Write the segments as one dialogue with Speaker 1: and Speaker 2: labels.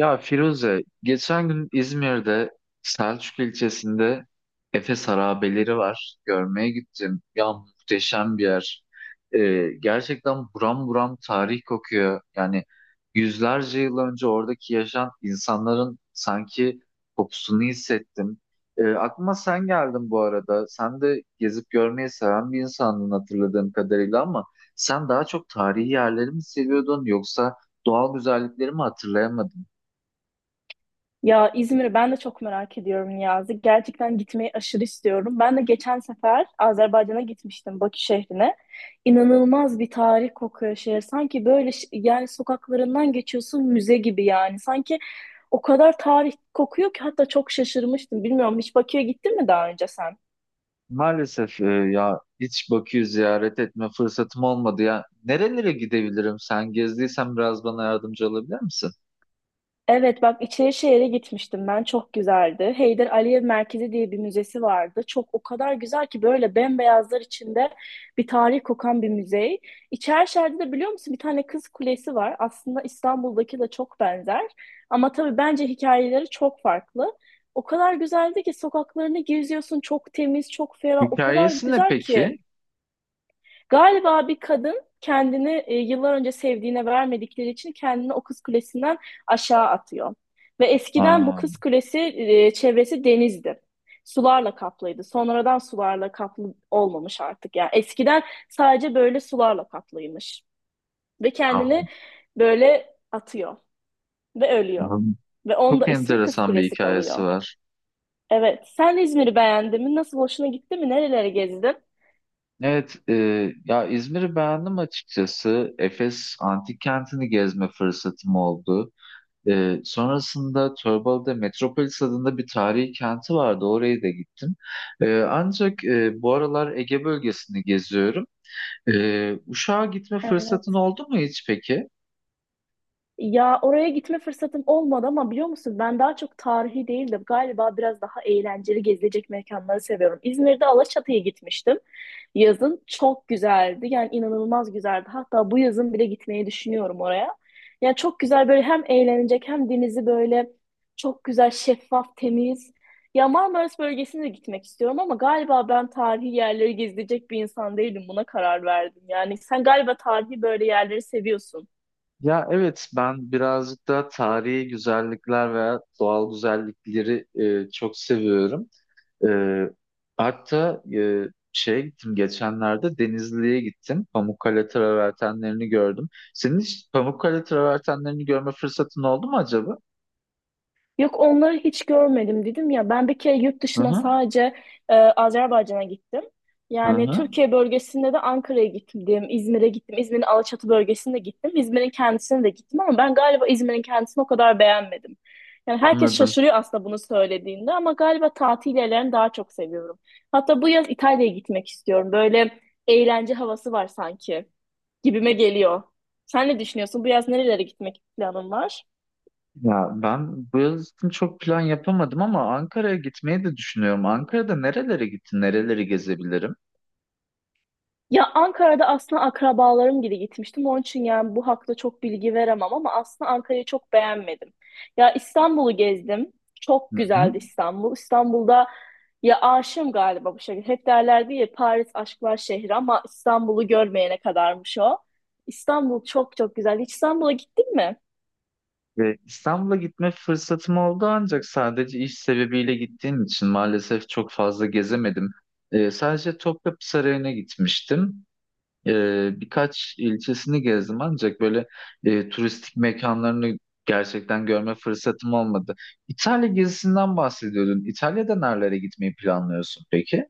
Speaker 1: Ya Firuze, geçen gün İzmir'de Selçuk ilçesinde Efes Harabeleri var. Görmeye gittim. Ya muhteşem bir yer. Gerçekten buram buram tarih kokuyor. Yani yüzlerce yıl önce oradaki yaşayan insanların sanki kokusunu hissettim. Aklıma sen geldin bu arada. Sen de gezip görmeyi seven bir insandın hatırladığım kadarıyla ama sen daha çok tarihi yerleri mi seviyordun yoksa doğal güzellikleri mi hatırlayamadın?
Speaker 2: Ya İzmir'i ben de çok merak ediyorum, Niyazi. Gerçekten gitmeyi aşırı istiyorum. Ben de geçen sefer Azerbaycan'a gitmiştim, Bakü şehrine. İnanılmaz bir tarih kokuyor şehir. Sanki böyle yani sokaklarından geçiyorsun, müze gibi yani. Sanki o kadar tarih kokuyor ki hatta çok şaşırmıştım. Bilmiyorum, hiç Bakü'ye gittin mi daha önce sen?
Speaker 1: Maalesef ya hiç Bakü'yü ziyaret etme fırsatım olmadı ya. Nerelere gidebilirim? Sen gezdiysen biraz bana yardımcı olabilir misin?
Speaker 2: Evet, bak Şehir'e gitmiştim ben, çok güzeldi. Heydar Aliyev Merkezi diye bir müzesi vardı. Çok, o kadar güzel ki böyle bembeyazlar içinde bir tarih kokan bir müze. İçerişehir'de de biliyor musun, bir tane kız kulesi var. Aslında İstanbul'daki de çok benzer. Ama tabii bence hikayeleri çok farklı. O kadar güzeldi ki sokaklarını geziyorsun, çok temiz, çok ferah, o kadar
Speaker 1: Hikayesi ne
Speaker 2: güzel ki.
Speaker 1: peki?
Speaker 2: Galiba bir kadın kendini yıllar önce sevdiğine vermedikleri için kendini o kız kulesinden aşağı atıyor. Ve eskiden bu
Speaker 1: Aa,
Speaker 2: kız kulesi, çevresi denizdi. Sularla kaplıydı. Sonradan sularla kaplı olmamış artık. Yani eskiden sadece böyle sularla kaplıymış. Ve
Speaker 1: aa,
Speaker 2: kendini böyle atıyor ve ölüyor. Ve onda
Speaker 1: çok
Speaker 2: ismi Kız
Speaker 1: enteresan bir
Speaker 2: Kulesi
Speaker 1: hikayesi
Speaker 2: kalıyor.
Speaker 1: var.
Speaker 2: Evet. Sen İzmir'i beğendin mi? Nasıl, hoşuna gitti mi? Nerelere gezdin?
Speaker 1: Evet, ya İzmir'i beğendim açıkçası. Efes Antik Kenti'ni gezme fırsatım oldu. Sonrasında Torbalı'da Metropolis adında bir tarihi kenti vardı. Oraya da gittim. Ancak bu aralar Ege bölgesini geziyorum. Uşak'a gitme fırsatın
Speaker 2: Evet.
Speaker 1: oldu mu hiç peki?
Speaker 2: Ya oraya gitme fırsatım olmadı ama biliyor musun, ben daha çok tarihi değil de galiba biraz daha eğlenceli gezilecek mekanları seviyorum. İzmir'de Alaçatı'ya gitmiştim. Yazın çok güzeldi. Yani inanılmaz güzeldi. Hatta bu yazın bile gitmeyi düşünüyorum oraya. Yani çok güzel, böyle hem eğlenecek hem denizi böyle çok güzel, şeffaf, temiz. Ya Marmaris bölgesine de gitmek istiyorum ama galiba ben tarihi yerleri gezilecek bir insan değilim. Buna karar verdim. Yani sen galiba tarihi böyle yerleri seviyorsun.
Speaker 1: Ya evet, ben birazcık da tarihi güzellikler veya doğal güzellikleri çok seviyorum. Ee, Hatta şeye gittim, geçenlerde Denizli'ye gittim. Pamukkale travertenlerini gördüm. Senin hiç Pamukkale travertenlerini görme fırsatın oldu mu acaba?
Speaker 2: Yok, onları hiç görmedim dedim ya. Ben bir kere yurt
Speaker 1: Hı
Speaker 2: dışına
Speaker 1: hı.
Speaker 2: sadece Azerbaycan'a gittim.
Speaker 1: Hı
Speaker 2: Yani
Speaker 1: hı.
Speaker 2: Türkiye bölgesinde de Ankara'ya gittim, İzmir'e gittim, İzmir'in Alaçatı bölgesine gittim, İzmir'in kendisine de gittim ama ben galiba İzmir'in kendisini o kadar beğenmedim. Yani herkes
Speaker 1: Anladım.
Speaker 2: şaşırıyor aslında bunu söylediğinde ama galiba tatil yerlerini daha çok seviyorum. Hatta bu yaz İtalya'ya gitmek istiyorum. Böyle eğlence havası var sanki, gibime geliyor. Sen ne düşünüyorsun? Bu yaz nerelere gitmek planın var?
Speaker 1: Ya ben bu yıl için çok plan yapamadım ama Ankara'ya gitmeyi de düşünüyorum. Ankara'da nerelere gittin, nereleri gezebilirim?
Speaker 2: Ya Ankara'da aslında akrabalarım gibi gitmiştim. Onun için yani bu hakta çok bilgi veremem ama aslında Ankara'yı çok beğenmedim. Ya İstanbul'u gezdim. Çok
Speaker 1: Hı hı.
Speaker 2: güzeldi İstanbul. İstanbul'da ya aşığım galiba bu şekilde. Hep derlerdi ya, Paris aşklar şehri ama İstanbul'u görmeyene kadarmış o. İstanbul çok çok güzel. Hiç İstanbul'a gittin mi?
Speaker 1: Ve İstanbul'a gitme fırsatım oldu ancak sadece iş sebebiyle gittiğim için maalesef çok fazla gezemedim. Sadece Topkapı Sarayı'na gitmiştim. Birkaç ilçesini gezdim ancak böyle turistik mekanlarını gerçekten görme fırsatım olmadı. İtalya gezisinden bahsediyordun. İtalya'da nerelere gitmeyi planlıyorsun peki?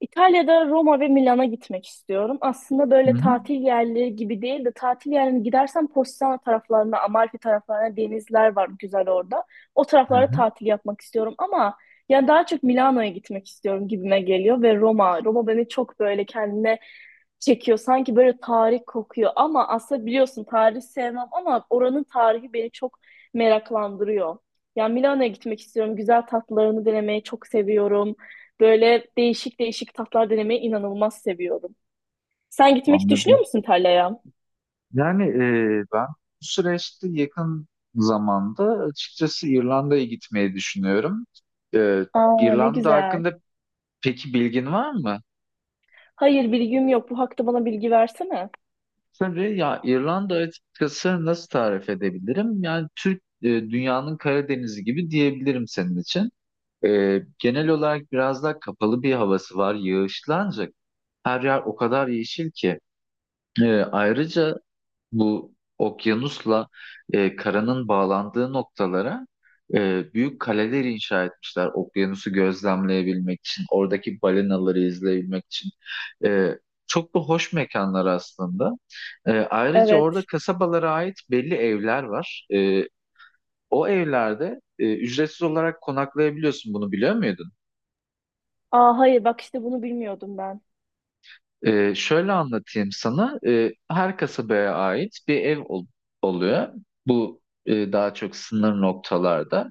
Speaker 2: İtalya'da Roma ve Milan'a gitmek istiyorum. Aslında
Speaker 1: Hı
Speaker 2: böyle
Speaker 1: hı.
Speaker 2: tatil yerleri gibi değil de tatil yerine gidersem Positano taraflarına, Amalfi taraflarına denizler var güzel orada. O
Speaker 1: Hı
Speaker 2: taraflara
Speaker 1: hı.
Speaker 2: tatil yapmak istiyorum ama yani daha çok Milano'ya gitmek istiyorum gibime geliyor ve Roma. Roma beni çok böyle kendine çekiyor. Sanki böyle tarih kokuyor ama aslında biliyorsun tarih sevmem ama oranın tarihi beni çok meraklandırıyor. Yani Milano'ya gitmek istiyorum. Güzel tatlarını denemeyi çok seviyorum. Böyle değişik değişik tatlar denemeyi inanılmaz seviyorum. Sen gitmek düşünüyor
Speaker 1: Anladım.
Speaker 2: musun İtalya'ya?
Speaker 1: Yani ben bu süreçte yakın zamanda açıkçası İrlanda'ya gitmeyi düşünüyorum. E,
Speaker 2: Aa, ne
Speaker 1: İrlanda
Speaker 2: güzel.
Speaker 1: hakkında peki bilgin var mı?
Speaker 2: Hayır, bilgim yok. Bu hakta bana bilgi versene.
Speaker 1: Tabii ya, İrlanda açıkçası nasıl tarif edebilirim? Yani dünyanın Karadeniz'i gibi diyebilirim senin için. Genel olarak biraz daha kapalı bir havası var. Yağışlı ancak her yer o kadar yeşil ki. Ayrıca bu okyanusla karanın bağlandığı noktalara büyük kaleler inşa etmişler. Okyanusu gözlemleyebilmek için, oradaki balinaları izleyebilmek için. E, Çok da hoş mekanlar aslında. Ayrıca orada
Speaker 2: Evet.
Speaker 1: kasabalara ait belli evler var. O evlerde ücretsiz olarak konaklayabiliyorsun. Bunu biliyor muydun?
Speaker 2: Aa, hayır bak işte bunu bilmiyordum ben.
Speaker 1: Şöyle anlatayım sana. Her kasabaya ait bir ev oluyor. Bu daha çok sınır noktalarda.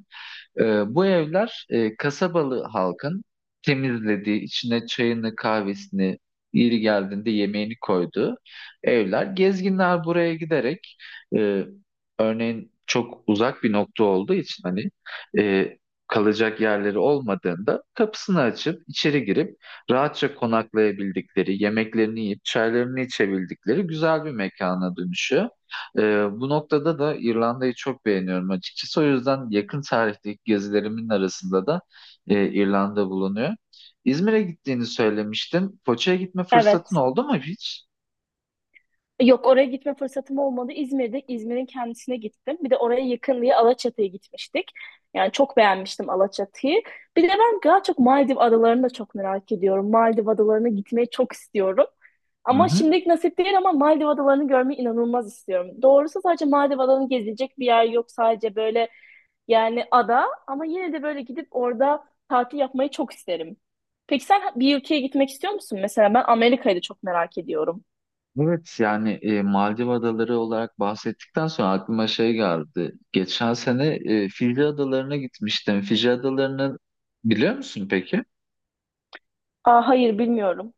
Speaker 1: Bu evler kasabalı halkın temizlediği, içine çayını, kahvesini, yeri geldiğinde yemeğini koyduğu evler. Gezginler buraya giderek e, örneğin çok uzak bir nokta olduğu için hani e, kalacak yerleri olmadığında kapısını açıp içeri girip rahatça konaklayabildikleri, yemeklerini yiyip çaylarını içebildikleri güzel bir mekana dönüşüyor. Ee, Bu noktada da İrlanda'yı çok beğeniyorum açıkçası. O yüzden yakın tarihteki gezilerimin arasında da İrlanda bulunuyor. İzmir'e gittiğini söylemiştin. Foça'ya gitme fırsatın
Speaker 2: Evet.
Speaker 1: oldu mu hiç?
Speaker 2: Yok, oraya gitme fırsatım olmadı. İzmir'de İzmir'in kendisine gittim. Bir de oraya yakın diye Alaçatı'ya gitmiştik. Yani çok beğenmiştim Alaçatı'yı. Bir de ben daha çok Maldiv adalarını da çok merak ediyorum. Maldiv adalarına gitmeyi çok istiyorum.
Speaker 1: Hı
Speaker 2: Ama
Speaker 1: hı.
Speaker 2: şimdilik nasip değil ama Maldiv adalarını görmeyi inanılmaz istiyorum. Doğrusu sadece Maldiv adalarını gezilecek bir yer yok. Sadece böyle yani ada ama yine de böyle gidip orada tatil yapmayı çok isterim. Peki sen bir ülkeye gitmek istiyor musun? Mesela ben Amerika'yı da çok merak ediyorum.
Speaker 1: Evet, yani Maldiv Adaları olarak bahsettikten sonra aklıma şey geldi. Geçen sene Fiji Adaları'na gitmiştim. Fiji Adaları'nı biliyor musun peki?
Speaker 2: Aa, hayır bilmiyorum.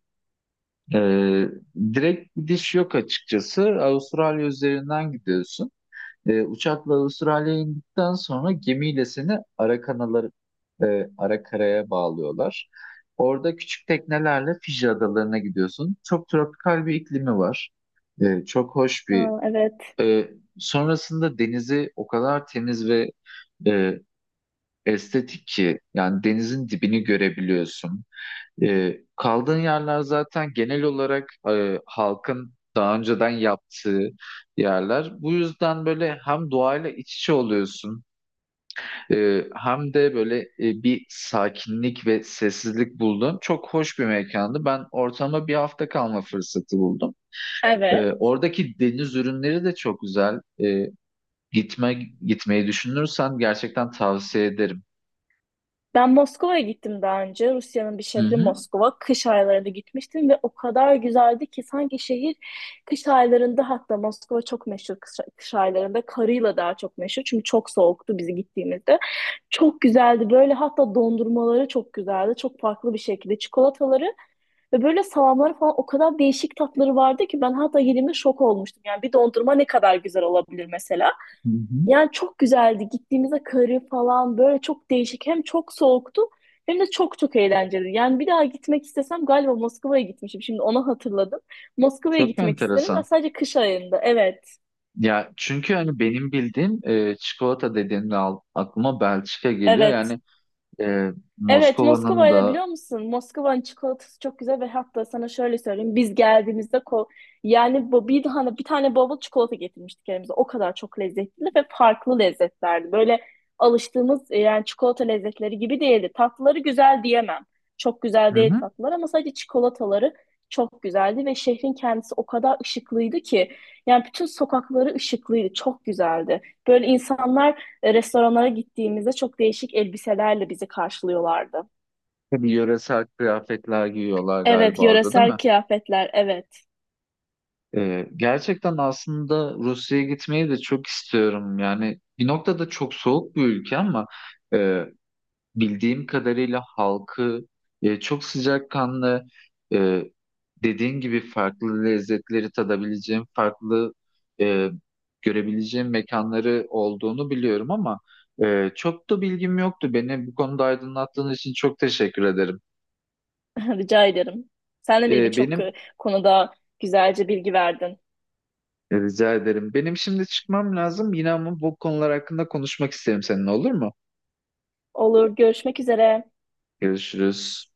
Speaker 1: Ee, Direkt gidiş yok açıkçası. Avustralya üzerinden gidiyorsun. Uçakla Avustralya'ya indikten sonra gemiyle seni ara karaya bağlıyorlar. Orada küçük teknelerle Fiji adalarına gidiyorsun. Çok tropikal bir iklimi var. E, çok hoş bir.
Speaker 2: Aa, evet.
Speaker 1: E, Sonrasında denizi o kadar temiz ve e, estetik ki yani denizin dibini görebiliyorsun. Kaldığın yerler zaten genel olarak halkın daha önceden yaptığı yerler. Bu yüzden böyle hem doğayla iç içe oluyorsun, hem de böyle bir sakinlik ve sessizlik buldun. Çok hoş bir mekandı. Ben ortama bir hafta kalma fırsatı buldum.
Speaker 2: Evet.
Speaker 1: Oradaki deniz ürünleri de çok güzel. Gitme Gitmeyi düşünürsen gerçekten tavsiye ederim.
Speaker 2: Ben Moskova'ya gittim daha önce. Rusya'nın bir
Speaker 1: Hı
Speaker 2: şehri
Speaker 1: hı.
Speaker 2: Moskova. Kış aylarında gitmiştim ve o kadar güzeldi ki sanki şehir kış aylarında, hatta Moskova çok meşhur kış aylarında karıyla daha çok meşhur. Çünkü çok soğuktu bizi gittiğimizde. Çok güzeldi, böyle hatta dondurmaları çok güzeldi. Çok farklı bir şekilde çikolataları ve böyle salamları falan o kadar değişik tatları vardı ki ben hatta yediğimde şok olmuştum. Yani bir dondurma ne kadar güzel olabilir mesela.
Speaker 1: Hı hı.
Speaker 2: Yani çok güzeldi. Gittiğimizde karı falan böyle çok değişik. Hem çok soğuktu hem de çok çok eğlenceli. Yani bir daha gitmek istesem galiba Moskova'ya gitmişim. Şimdi onu hatırladım. Moskova'ya
Speaker 1: Çok
Speaker 2: gitmek isterim ve
Speaker 1: enteresan.
Speaker 2: sadece kış ayında. Evet,
Speaker 1: Ya çünkü hani benim bildiğim çikolata dediğimde aklıma Belçika geliyor.
Speaker 2: evet.
Speaker 1: Yani e,
Speaker 2: Evet,
Speaker 1: Moskova'nın
Speaker 2: Moskova'yı da
Speaker 1: da
Speaker 2: biliyor musun? Moskova'nın çikolatası çok güzel ve hatta sana şöyle söyleyeyim. Biz geldiğimizde yani bu bir tane bavul çikolata getirmiştik elimize. O kadar çok lezzetli ve farklı lezzetlerdi. Böyle alıştığımız yani çikolata lezzetleri gibi değildi. Tatlıları güzel diyemem. Çok güzel
Speaker 1: hı
Speaker 2: değil
Speaker 1: hı,
Speaker 2: tatlılar ama sadece çikolataları çok güzeldi ve şehrin kendisi o kadar ışıklıydı ki yani bütün sokakları ışıklıydı. Çok güzeldi. Böyle insanlar restoranlara gittiğimizde çok değişik elbiselerle bizi karşılıyorlardı.
Speaker 1: tabii yöresel kıyafetler giyiyorlar
Speaker 2: Evet,
Speaker 1: galiba orada, değil mi?
Speaker 2: yöresel kıyafetler, evet.
Speaker 1: Gerçekten aslında Rusya'ya gitmeyi de çok istiyorum. Yani bir noktada çok soğuk bir ülke ama bildiğim kadarıyla halkı çok sıcakkanlı, e, dediğin gibi farklı lezzetleri tadabileceğim, farklı e, görebileceğim mekanları olduğunu biliyorum ama çok da bilgim yoktu. Beni bu konuda aydınlattığın için çok teşekkür ederim.
Speaker 2: Rica ederim. Sen de beni
Speaker 1: E,
Speaker 2: birçok
Speaker 1: benim
Speaker 2: konuda güzelce bilgi verdin.
Speaker 1: rica ederim. Benim şimdi çıkmam lazım. Yine ama bu konular hakkında konuşmak isterim seninle, olur mu?
Speaker 2: Olur, görüşmek üzere.
Speaker 1: Görüşürüz.